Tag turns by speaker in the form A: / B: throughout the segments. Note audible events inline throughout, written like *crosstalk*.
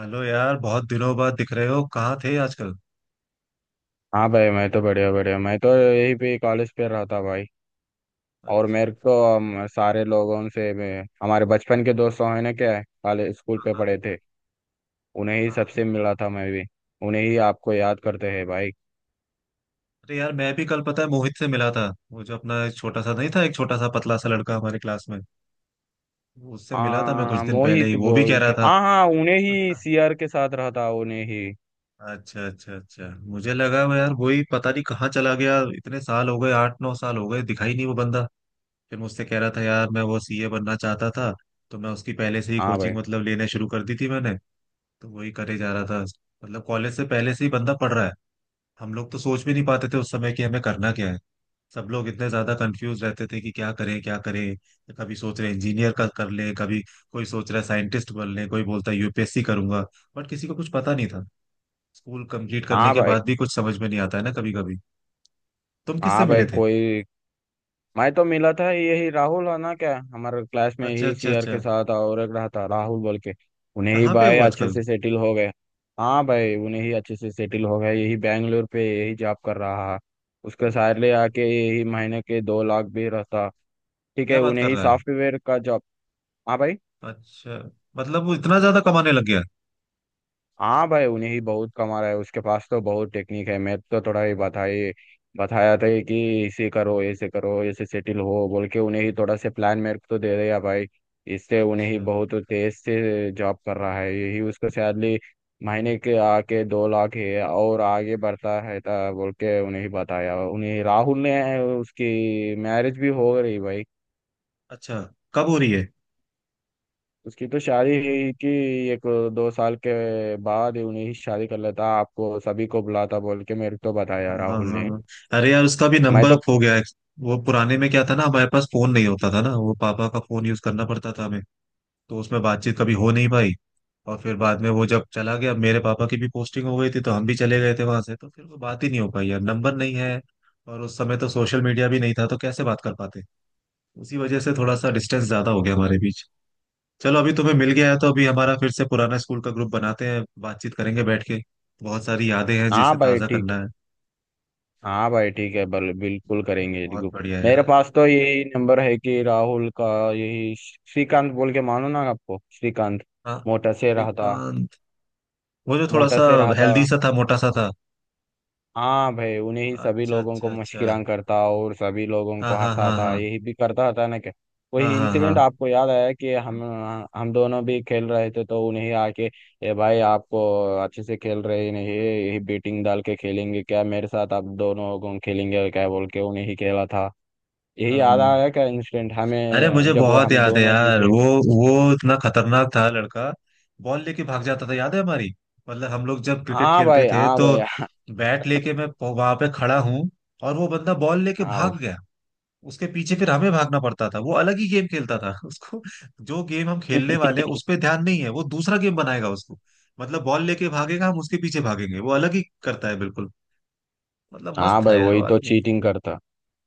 A: Hello यार, बहुत दिनों बाद दिख रहे हो। कहाँ थे आजकल?
B: हाँ भाई, मैं तो बढ़िया बढ़िया। मैं तो यही पे कॉलेज पे रहा था भाई। और
A: अच्छा।
B: मेरे को हम सारे लोगों से मैं हमारे बचपन के दोस्तों हैं ना क्या, कॉलेज स्कूल पे
A: हाँ।
B: पढ़े थे, उन्हें ही
A: हाँ।
B: सबसे मिला था मैं भी। उन्हें ही आपको याद करते हैं भाई।
A: अरे यार, मैं भी कल पता है मोहित से मिला था। वो जो अपना एक छोटा सा, नहीं था, एक छोटा सा पतला सा लड़का हमारे क्लास में, उससे मिला था मैं कुछ दिन पहले ही।
B: मोहित
A: वो भी कह
B: बोल
A: रहा
B: के,
A: था।
B: हाँ हाँ उन्हें ही
A: अच्छा
B: सीआर के साथ रहा था उन्हें ही।
A: अच्छा अच्छा। अच्छा। मुझे लगा वो यार वही, पता नहीं कहाँ चला गया, इतने साल हो गए, 8-9 साल हो गए, दिखाई नहीं वो बंदा। फिर मुझसे कह रहा था यार, मैं वो सीए बनना चाहता था, तो मैं उसकी पहले से ही
B: हाँ भाई।
A: कोचिंग मतलब लेना शुरू कर दी थी मैंने। तो वही करे जा रहा था, मतलब कॉलेज से पहले से ही बंदा पढ़ रहा है। हम लोग तो सोच भी नहीं पाते थे उस समय कि हमें करना क्या है। सब लोग इतने ज्यादा कंफ्यूज रहते थे कि क्या करें क्या करें, कभी सोच रहे इंजीनियर का कर ले, कभी कोई सोच रहा है साइंटिस्ट बन ले, कोई बोलता है यूपीएससी करूंगा, बट किसी को कुछ पता नहीं था। स्कूल कंप्लीट करने
B: हाँ
A: के
B: भाई।
A: बाद भी कुछ समझ में नहीं आता है ना, कभी कभी। तुम किससे
B: हाँ
A: मिले
B: भाई
A: थे?
B: कोई। मैं तो मिला था यही राहुल है ना क्या हमारे क्लास में,
A: अच्छा
B: यही
A: अच्छा
B: सीआर के
A: अच्छा।
B: साथ, और एक रहा था राहुल बोल के। उन्हें ही
A: कहाँ पे हो
B: भाई अच्छे
A: आजकल?
B: से सेटिल हो गए। हाँ भाई, उन्हें ही अच्छे से सेटिल हो गए, यही बैंगलोर पे यही जॉब कर रहा है। उसके सैलरी
A: अच्छा।
B: आके यही महीने के 2 लाख भी रहता। ठीक है,
A: क्या बात
B: उन्हें
A: कर
B: ही
A: रहा है!
B: सॉफ्टवेयर का जॉब। हाँ भाई।
A: अच्छा। मतलब वो इतना ज्यादा कमाने लग गया?
B: हाँ भाई, उन्हें ही बहुत कमा रहा है, उसके पास तो बहुत टेक्निक है। मैं तो थोड़ा ही बताई, बताया था कि इसे करो ऐसे सेटिल हो बोल के उन्हें ही थोड़ा से प्लान मेरे को तो दे दिया भाई। इससे उन्हें ही
A: अच्छा।
B: बहुत तेज से जॉब कर रहा है, यही उसको सैलरी महीने के आके 2 लाख है और आगे बढ़ता है ता बोल के उन्हें ही बताया उन्हें राहुल ने। उसकी मैरिज भी हो रही भाई।
A: अच्छा कब हो रही है?
B: उसकी तो शादी हुई कि 1-2 साल के बाद ही उन्हें ही शादी कर लेता, आपको सभी को बुलाता बोल के मेरे को
A: हाँ
B: बताया
A: हाँ
B: राहुल ने।
A: हाँ। अरे यार, उसका भी
B: मैं
A: नंबर
B: तो।
A: खो गया है। वो पुराने में क्या था ना, हमारे पास फोन नहीं होता था ना, वो पापा का फोन यूज करना पड़ता था हमें। तो उसमें बातचीत कभी हो नहीं पाई। और फिर बाद में वो जब चला गया, मेरे पापा की भी पोस्टिंग हो गई थी, तो हम भी चले गए थे वहां से, तो फिर वो बात ही नहीं हो पाई यार, नंबर नहीं है। और उस समय तो सोशल मीडिया भी नहीं था, तो कैसे बात कर पाते। उसी वजह से थोड़ा सा डिस्टेंस ज्यादा हो गया हमारे बीच। चलो, अभी तुम्हें मिल गया है तो अभी हमारा फिर से पुराना स्कूल का ग्रुप बनाते हैं, बातचीत करेंगे बैठ के। बहुत सारी यादें हैं
B: हाँ
A: जिसे
B: भाई
A: ताजा
B: ठीक।
A: करना है।
B: हाँ भाई ठीक है, बिल्कुल करेंगे
A: बहुत
B: देखो।
A: बढ़िया
B: मेरे
A: यार।
B: पास तो यही नंबर है कि राहुल का, यही श्रीकांत बोल के, मानो ना आपको श्रीकांत,
A: हाँ।
B: मोटा से रहा था।
A: श्रीकांत। वो जो थोड़ा
B: मोटा
A: सा
B: से रहा था।
A: हेल्दी सा था, मोटा सा था।
B: हाँ भाई, उन्हें ही सभी
A: अच्छा
B: लोगों को
A: अच्छा अच्छा।
B: मुस्कुरान करता और सभी लोगों
A: हाँ
B: को
A: हाँ हाँ
B: हंसाता,
A: हाँ
B: यही भी करता था ना क्या।
A: हाँ
B: वही
A: हाँ।
B: इंसिडेंट आपको याद आया कि हम दोनों भी खेल रहे थे तो उन्हें आके, ए भाई आपको अच्छे से खेल रहे ही नहीं, यही बेटिंग डाल के खेलेंगे क्या मेरे साथ, आप दोनों लोगों खेलेंगे क्या बोल के उन्हें ही खेला था।
A: हाँ
B: यही
A: हाँ,
B: याद
A: हाँ।
B: आया क्या इंसिडेंट
A: अरे
B: हमें
A: मुझे
B: जब
A: बहुत
B: हम
A: याद है
B: दोनों
A: यार
B: जीते।
A: वो। वो इतना खतरनाक था लड़का। बॉल लेके भाग जाता था, याद है हमारी? मतलब हम लोग जब क्रिकेट
B: हाँ
A: खेलते
B: भाई।
A: थे
B: हाँ
A: तो
B: भाई।
A: बैट लेके मैं वहां पे खड़ा हूँ, और वो बंदा बॉल लेके
B: हाँ
A: भाग गया। उसके पीछे फिर हमें भागना पड़ता था, वो अलग ही गेम खेलता था *laughs* उसको। जो गेम हम खेलने वाले हैं
B: भाई।
A: उस
B: *laughs*
A: पे ध्यान नहीं है, वो दूसरा गेम बनाएगा उसको। मतलब बॉल लेके भागेगा, हम उसके पीछे भागेंगे, वो अलग ही करता है बिल्कुल। मतलब मस्त
B: हाँ
A: था
B: भाई
A: यार वो
B: वही तो
A: आदमी।
B: चीटिंग करता।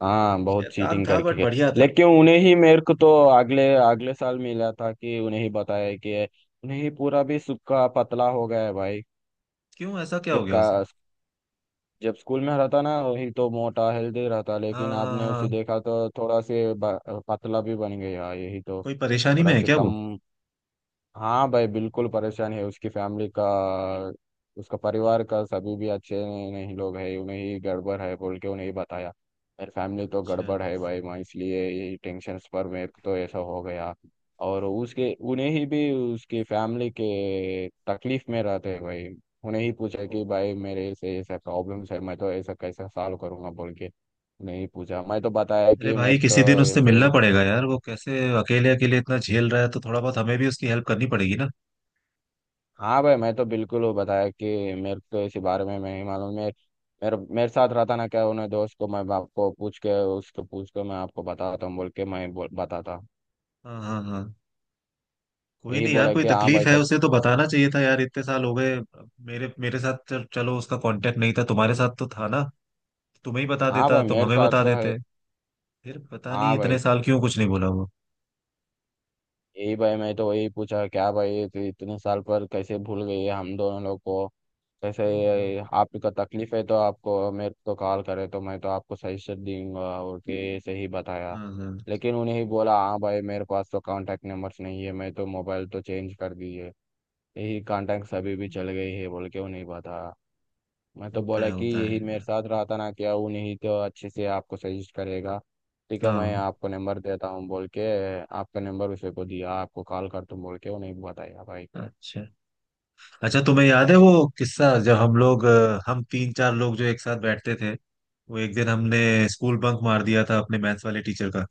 B: हाँ, बहुत
A: शैतान
B: चीटिंग
A: था
B: करके
A: बट
B: गए।
A: बढ़िया था।
B: लेकिन उन्हें ही मेरे को तो अगले अगले साल मिला था कि उन्हें ही बताया कि उन्हें ही पूरा भी सुक्का पतला हो गया है भाई।
A: क्यों ऐसा क्या हो
B: जब
A: गया उसे?
B: का, जब स्कूल में रहता ना, वही तो मोटा हेल्दी रहता, लेकिन
A: हाँ हाँ
B: आपने उसे
A: हाँ।
B: देखा तो थोड़ा से पतला भी बन गया, यही तो।
A: कोई परेशानी में
B: थोड़ा
A: है
B: से
A: क्या
B: कम।
A: वो?
B: हाँ भाई, बिल्कुल परेशान है, उसकी फैमिली का, उसका परिवार का सभी भी अच्छे नहीं लोग है, उन्हें ही गड़बड़ है बोल के उन्हें ही बताया। मेरी फैमिली तो
A: अच्छा।
B: गड़बड़ है भाई, मैं इसलिए ये टेंशन पर मैं तो ऐसा हो गया। और उसके उन्हें ही भी उसकी फैमिली के तकलीफ में रहते हैं भाई। उन्हें ही पूछा
A: ओ।
B: कि भाई मेरे से ऐसा प्रॉब्लम्स है, मैं तो ऐसा कैसा सॉल्व करूंगा बोल के। नहीं पूछा, मैं तो बताया
A: अरे
B: कि
A: भाई,
B: मेरे
A: किसी दिन
B: तो
A: उससे
B: ऐसे।
A: मिलना पड़ेगा यार, वो कैसे अकेले अकेले इतना झेल रहा है, तो थोड़ा बहुत हमें भी उसकी हेल्प करनी पड़ेगी ना।
B: हाँ भाई, मैं तो बिल्कुल वो बताया कि मेरे को इसी बारे में मैं ही मालूम। मेरे मेरे मेरे साथ रहता ना क्या उन्हें दोस्त को, मैं आपको पूछ के उसको पूछ के मैं आपको बताता हूँ बोल के, मैं बताता।
A: हाँ हाँ हाँ। कोई
B: यही
A: नहीं यार,
B: बोला
A: कोई
B: कि हाँ
A: तकलीफ
B: भाई
A: है
B: सच।
A: उसे तो बताना चाहिए था यार, इतने साल हो गए। मेरे मेरे साथ चलो, उसका कांटेक्ट नहीं था, तुम्हारे साथ तो था ना। तुम्हें ही बता
B: हाँ
A: देता,
B: भाई
A: तुम
B: मेरे
A: हमें
B: साथ
A: बता
B: तो है।
A: देते। फिर पता नहीं
B: हाँ
A: इतने
B: भाई।
A: साल क्यों कुछ नहीं बोला वो।
B: यही भाई मैं तो वही पूछा क्या भाई तो इतने साल पर कैसे भूल गई है हम दोनों लोग को, कैसे
A: हम्म।
B: आपको तकलीफ है तो आपको मेरे को कॉल करे तो मैं तो आपको सजेशन दूंगा और के सही बताया।
A: हाँ हाँ।
B: लेकिन उन्हें ही बोला, हाँ भाई मेरे पास तो कांटेक्ट नंबर्स नहीं है, मैं तो मोबाइल तो चेंज कर दी है, यही कांटेक्ट सभी भी चल गई है बोल के उन्हें बताया। मैं तो बोला कि
A: होता है
B: यही मेरे
A: यार।
B: साथ रहा था ना क्या वो, नहीं तो अच्छे से आपको सजेस्ट करेगा। ठीक है मैं
A: हाँ।
B: आपको नंबर देता हूँ बोल के आपका नंबर उसे को दिया, आपको कॉल कर तुम बोल के वो नहीं बताया भाई।
A: अच्छा। अच्छा, तुम्हें याद है वो किस्सा जब हम लोग हम तीन चार लोग जो एक साथ बैठते थे, वो एक दिन हमने स्कूल बंक मार दिया था अपने मैथ्स वाले टीचर का।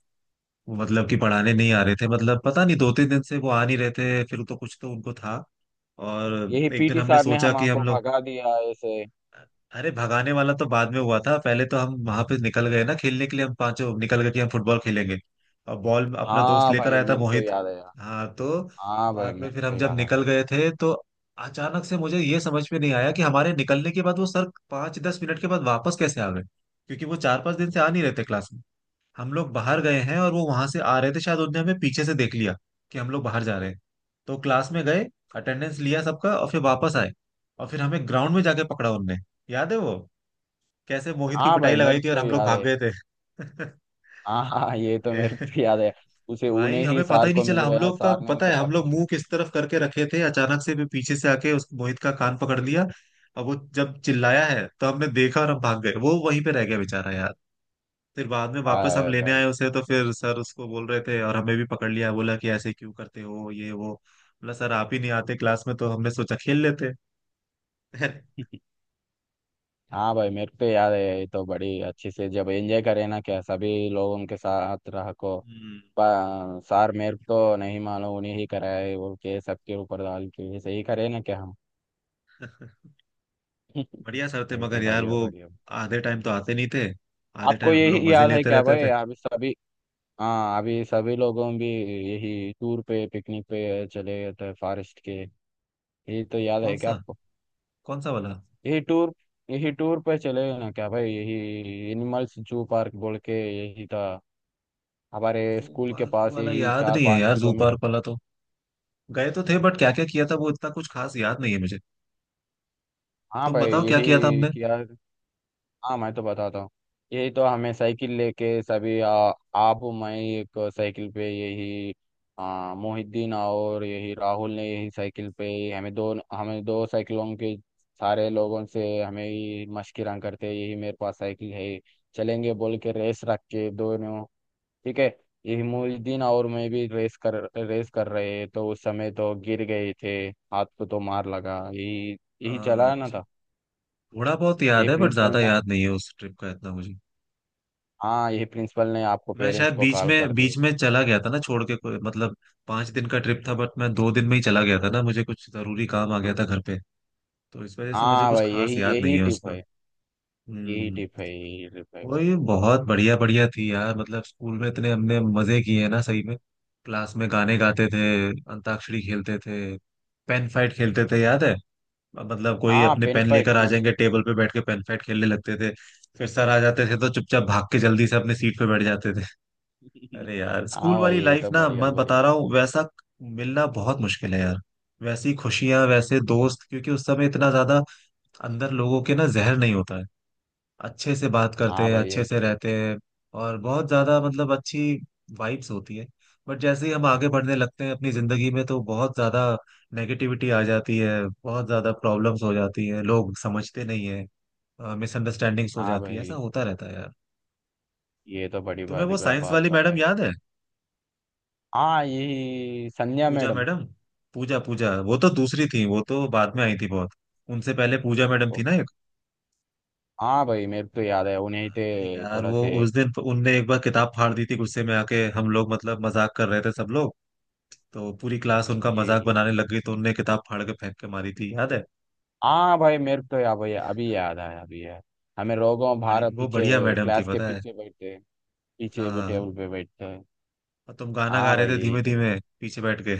A: वो मतलब कि पढ़ाने नहीं आ रहे थे, मतलब पता नहीं 2-3 दिन से वो आ नहीं रहे थे, फिर तो कुछ तो उनको था। और
B: यही
A: एक दिन
B: पीटी
A: हमने
B: सर ने
A: सोचा कि हम
B: हमको
A: लोग।
B: भगा दिया ऐसे।
A: अरे, भगाने वाला तो बाद में हुआ था, पहले तो हम वहां पे निकल गए ना खेलने के लिए, हम पांचों निकल गए कि हम फुटबॉल खेलेंगे। और बॉल अपना दोस्त
B: हाँ
A: लेकर
B: भाई
A: आया था,
B: मेरे को तो
A: मोहित।
B: याद है।
A: हाँ तो
B: हाँ भाई
A: बाद में
B: मेरे को
A: फिर हम
B: तो
A: जब
B: याद है।
A: निकल गए थे तो अचानक से मुझे ये समझ में नहीं आया कि हमारे निकलने के बाद वो सर 5-10 मिनट के बाद वापस कैसे आ गए। क्योंकि वो 4-5 दिन से आ नहीं रहे थे क्लास में। हम लोग बाहर गए हैं और वो वहां से आ रहे थे, शायद उनने हमें पीछे से देख लिया कि हम लोग बाहर जा रहे हैं। तो क्लास में गए, अटेंडेंस लिया सबका, और फिर वापस आए। और फिर हमें ग्राउंड में जाके पकड़ा उनने। याद है वो? कैसे मोहित की
B: हाँ भाई
A: पिटाई
B: मेरे
A: लगाई थी
B: को
A: और
B: तो
A: हम लोग
B: याद
A: भाग
B: है।
A: गए थे *laughs*
B: हाँ हाँ ये तो
A: अरे
B: मेरे को तो याद है। उसे
A: भाई,
B: उन्हें ही
A: हमें पता
B: सार
A: ही नहीं
B: को
A: चला,
B: मिल
A: हम
B: गया,
A: लोग का
B: सार ने
A: पता
B: उसे
A: है हम लोग मुंह
B: परमिशन।
A: किस तरफ करके रखे थे, अचानक से भी पीछे से आके उस मोहित का कान पकड़ लिया। और वो जब चिल्लाया है तो हमने देखा, और हम भाग गए, वो वहीं पे रह गया बेचारा यार। फिर बाद में वापस हम
B: भाई
A: लेने
B: भाई।
A: आए उसे, तो फिर सर उसको बोल रहे थे और हमें भी पकड़ लिया, बोला कि ऐसे क्यों करते हो ये वो। बोला, सर आप ही नहीं आते क्लास में, तो हमने सोचा खेल लेते।
B: हाँ भाई मेरे को तो याद है। ये तो बड़ी अच्छी से जब एंजॉय करे ना क्या सभी लोग उनके साथ रह को।
A: हम्म।
B: पा- सार मेरे को तो नहीं मालूम, उन्हें ही कराए वो के सबके ऊपर डाल के ऐसे ही करे ना क्या हम।
A: *laughs*
B: *laughs*
A: बढ़िया सर थे
B: ये तो
A: मगर यार
B: बढ़िया
A: वो
B: बढ़िया।
A: आधे टाइम तो आते नहीं थे। आधे
B: आपको
A: टाइम हम लोग
B: यही
A: मजे
B: याद है
A: लेते
B: क्या
A: रहते
B: भाई
A: थे।
B: अभी सभी। हाँ अभी सभी लोगों भी यही टूर पे पिकनिक पे चले गए थे फॉरेस्ट के। यही तो याद
A: कौन
B: है क्या
A: सा?
B: आपको।
A: कौन सा वाला?
B: यही टूर यही टूर पे चले गए ना क्या भाई, यही एनिमल्स जू पार्क बोल के। यही था हमारे
A: जू
B: स्कूल के
A: पार्क
B: पास,
A: वाला
B: यही
A: याद
B: चार
A: नहीं है
B: पाँच
A: यार, जू
B: किलोमीटर
A: पार्क वाला तो गए तो थे, बट क्या क्या किया था वो इतना कुछ खास याद नहीं है मुझे।
B: हाँ
A: तुम
B: भाई
A: बताओ क्या किया था
B: यही
A: हमने।
B: किया। हाँ मैं तो बताता हूँ। यही तो हमें साइकिल लेके सभी आप मैं एक साइकिल पे यही मोहिद्दीन और यही राहुल ने यही साइकिल पे ही, हमें दो साइकिलों के सारे लोगों से हमें ही मशकिरा करते, यही मेरे पास साइकिल है, चलेंगे बोल के रेस रख के दोनों। ठीक है। ये मोहिउद्दीन और मैं भी रेस कर रहे तो उस समय तो गिर गए थे। हाथ को तो मार लगा यही। यही चला है ना
A: अच्छा।
B: था।
A: थोड़ा बहुत
B: ये
A: याद है, बट
B: प्रिंसिपल
A: ज्यादा
B: ने।
A: याद नहीं है उस ट्रिप का इतना मुझे।
B: हाँ यही प्रिंसिपल ने आपको
A: मैं
B: पेरेंट्स
A: शायद
B: को कॉल कर
A: बीच
B: दिए।
A: में चला गया था ना, छोड़ के, कोई मतलब 5 दिन का ट्रिप था बट मैं 2 दिन में ही चला गया था ना, मुझे कुछ जरूरी काम आ गया था घर पे। तो इस वजह से मुझे
B: हाँ
A: कुछ
B: भाई यही
A: खास याद नहीं
B: यही
A: है
B: टिप
A: उसका।
B: है। यही
A: हम्म।
B: टिप है। यही टिप है।
A: वही बहुत बढ़िया बढ़िया थी यार, मतलब स्कूल में इतने हमने मजे किए हैं ना सही में। क्लास में गाने गाते थे, अंताक्षरी खेलते थे, पेन फाइट खेलते थे, याद है? मतलब कोई
B: हाँ
A: अपने
B: पेन
A: पेन
B: फाइट
A: लेकर आ
B: बेंच।
A: जाएंगे, टेबल पे बैठ के पेन फाइट खेलने लगते थे। फिर सर आ जाते थे तो चुपचाप भाग के जल्दी से अपने सीट पे बैठ जाते।
B: *laughs*
A: अरे यार, स्कूल
B: हाँ भाई
A: वाली
B: ये
A: लाइफ
B: तो
A: ना,
B: बढ़िया
A: मैं बता
B: बढ़िया।
A: रहा हूँ वैसा मिलना बहुत मुश्किल है यार। वैसी खुशियां, वैसे दोस्त, क्योंकि उस समय इतना ज्यादा अंदर लोगों के ना जहर नहीं होता है। अच्छे से बात करते
B: हाँ
A: हैं,
B: भाई ये
A: अच्छे
B: तो।
A: से रहते हैं, और बहुत ज्यादा मतलब अच्छी वाइब्स होती है। बट जैसे ही हम आगे बढ़ने लगते हैं अपनी जिंदगी में, तो बहुत ज्यादा नेगेटिविटी आ जाती है, बहुत ज्यादा प्रॉब्लम्स हो जाती है, लोग समझते नहीं है, मिसअंडरस्टैंडिंग्स हो
B: हाँ
A: जाती है, ऐसा
B: भाई
A: होता रहता है यार।
B: ये तो बड़ी
A: तुम्हें वो
B: बड़ी
A: साइंस
B: बात
A: वाली मैडम
B: बताई।
A: याद है?
B: हाँ यही संध्या
A: पूजा
B: मैडम।
A: मैडम। पूजा, पूजा वो तो दूसरी थी, वो तो बाद में आई थी बहुत। उनसे पहले पूजा मैडम थी ना
B: ओके।
A: एक।
B: हाँ भाई मेरे को तो याद है उन्हें, थे
A: अरे यार,
B: थोड़ा
A: वो
B: से।
A: उस दिन उनने एक बार किताब फाड़ दी थी गुस्से में आके, हम लोग मतलब मजाक कर रहे थे सब लोग। तो पूरी क्लास उनका मजाक
B: यही।
A: बनाने लग गई, तो उनने किताब फाड़ के फेंक के मारी थी, याद है?
B: हाँ भाई मेरे को तो या भाई अभी याद आया अभी यार। हमें
A: अरे,
B: रोगों
A: बड़ी
B: बाहर
A: वो बढ़िया
B: पीछे
A: मैडम थी
B: क्लास के
A: पता है।
B: पीछे बैठते, पीछे
A: हाँ।
B: टेबल पे बैठते हैं।
A: और तुम गाना गा
B: हाँ
A: रहे
B: भाई
A: थे
B: यही
A: धीमे
B: तो यार।
A: धीमे, पीछे बैठ के।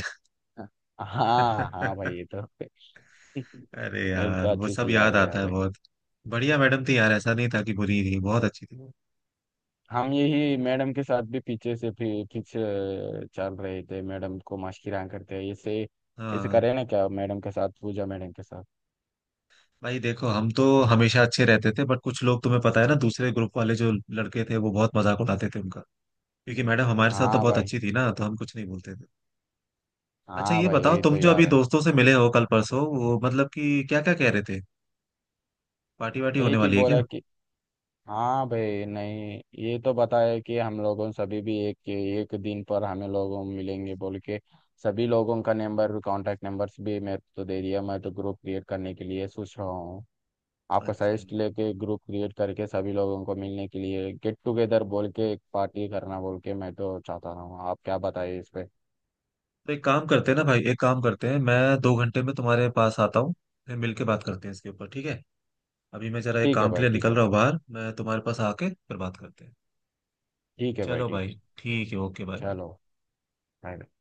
B: हाँ हाँ भाई ये
A: *laughs*
B: तो। *laughs*
A: अरे
B: मेरे को तो
A: यार वो
B: अच्छे से
A: सब
B: याद
A: याद आता
B: आया
A: है
B: भाई।
A: बहुत। बढ़िया मैडम थी यार, ऐसा नहीं था कि बुरी थी, बहुत अच्छी थी वो।
B: हम यही मैडम के साथ भी पीछे से पीछे चल रहे थे, मैडम को मशकिरा करते हैं ऐसे, ऐसे
A: हाँ
B: करे ना क्या मैडम के साथ, पूजा मैडम के साथ।
A: भाई, देखो हम तो हमेशा अच्छे रहते थे, बट कुछ लोग तुम्हें पता है ना, दूसरे ग्रुप वाले जो लड़के थे वो बहुत मजाक उड़ाते थे उनका। क्योंकि मैडम हमारे साथ तो
B: हाँ
A: बहुत
B: भाई।
A: अच्छी थी ना, तो हम कुछ नहीं बोलते थे। अच्छा
B: हाँ
A: ये
B: भाई
A: बताओ,
B: यही तो
A: तुम जो
B: याद
A: अभी
B: है।
A: दोस्तों से मिले हो कल परसों, वो मतलब कि क्या क्या कह रहे थे? पार्टी वार्टी होने
B: एक ही
A: वाली है क्या?
B: बोला कि हाँ भाई नहीं, ये तो बताया कि हम लोगों सभी भी एक एक दिन पर हमें लोगों मिलेंगे बोल के सभी लोगों का नंबर कांटेक्ट नंबर्स भी मेरे को तो दे दिया। मैं तो ग्रुप क्रिएट करने के लिए सोच रहा हूँ, आपका
A: अच्छा।
B: सजेस्ट लेके ग्रुप क्रिएट करके सभी लोगों को मिलने के लिए गेट टुगेदर बोल के एक पार्टी करना बोल के मैं तो चाहता हूँ, आप क्या बताइए इस पे।
A: तो एक काम करते हैं ना भाई, एक काम करते हैं, मैं 2 घंटे में तुम्हारे पास आता हूँ, फिर मिल के बात करते हैं इसके ऊपर, ठीक है? अभी मैं जरा एक
B: ठीक है
A: काम के
B: भाई
A: लिए
B: ठीक
A: निकल
B: है।
A: रहा हूँ बाहर, मैं तुम्हारे पास आके फिर बात करते हैं।
B: ठीक है भाई
A: चलो
B: ठीक है।
A: भाई, ठीक है, ओके, बाय बाय।
B: चलो bye।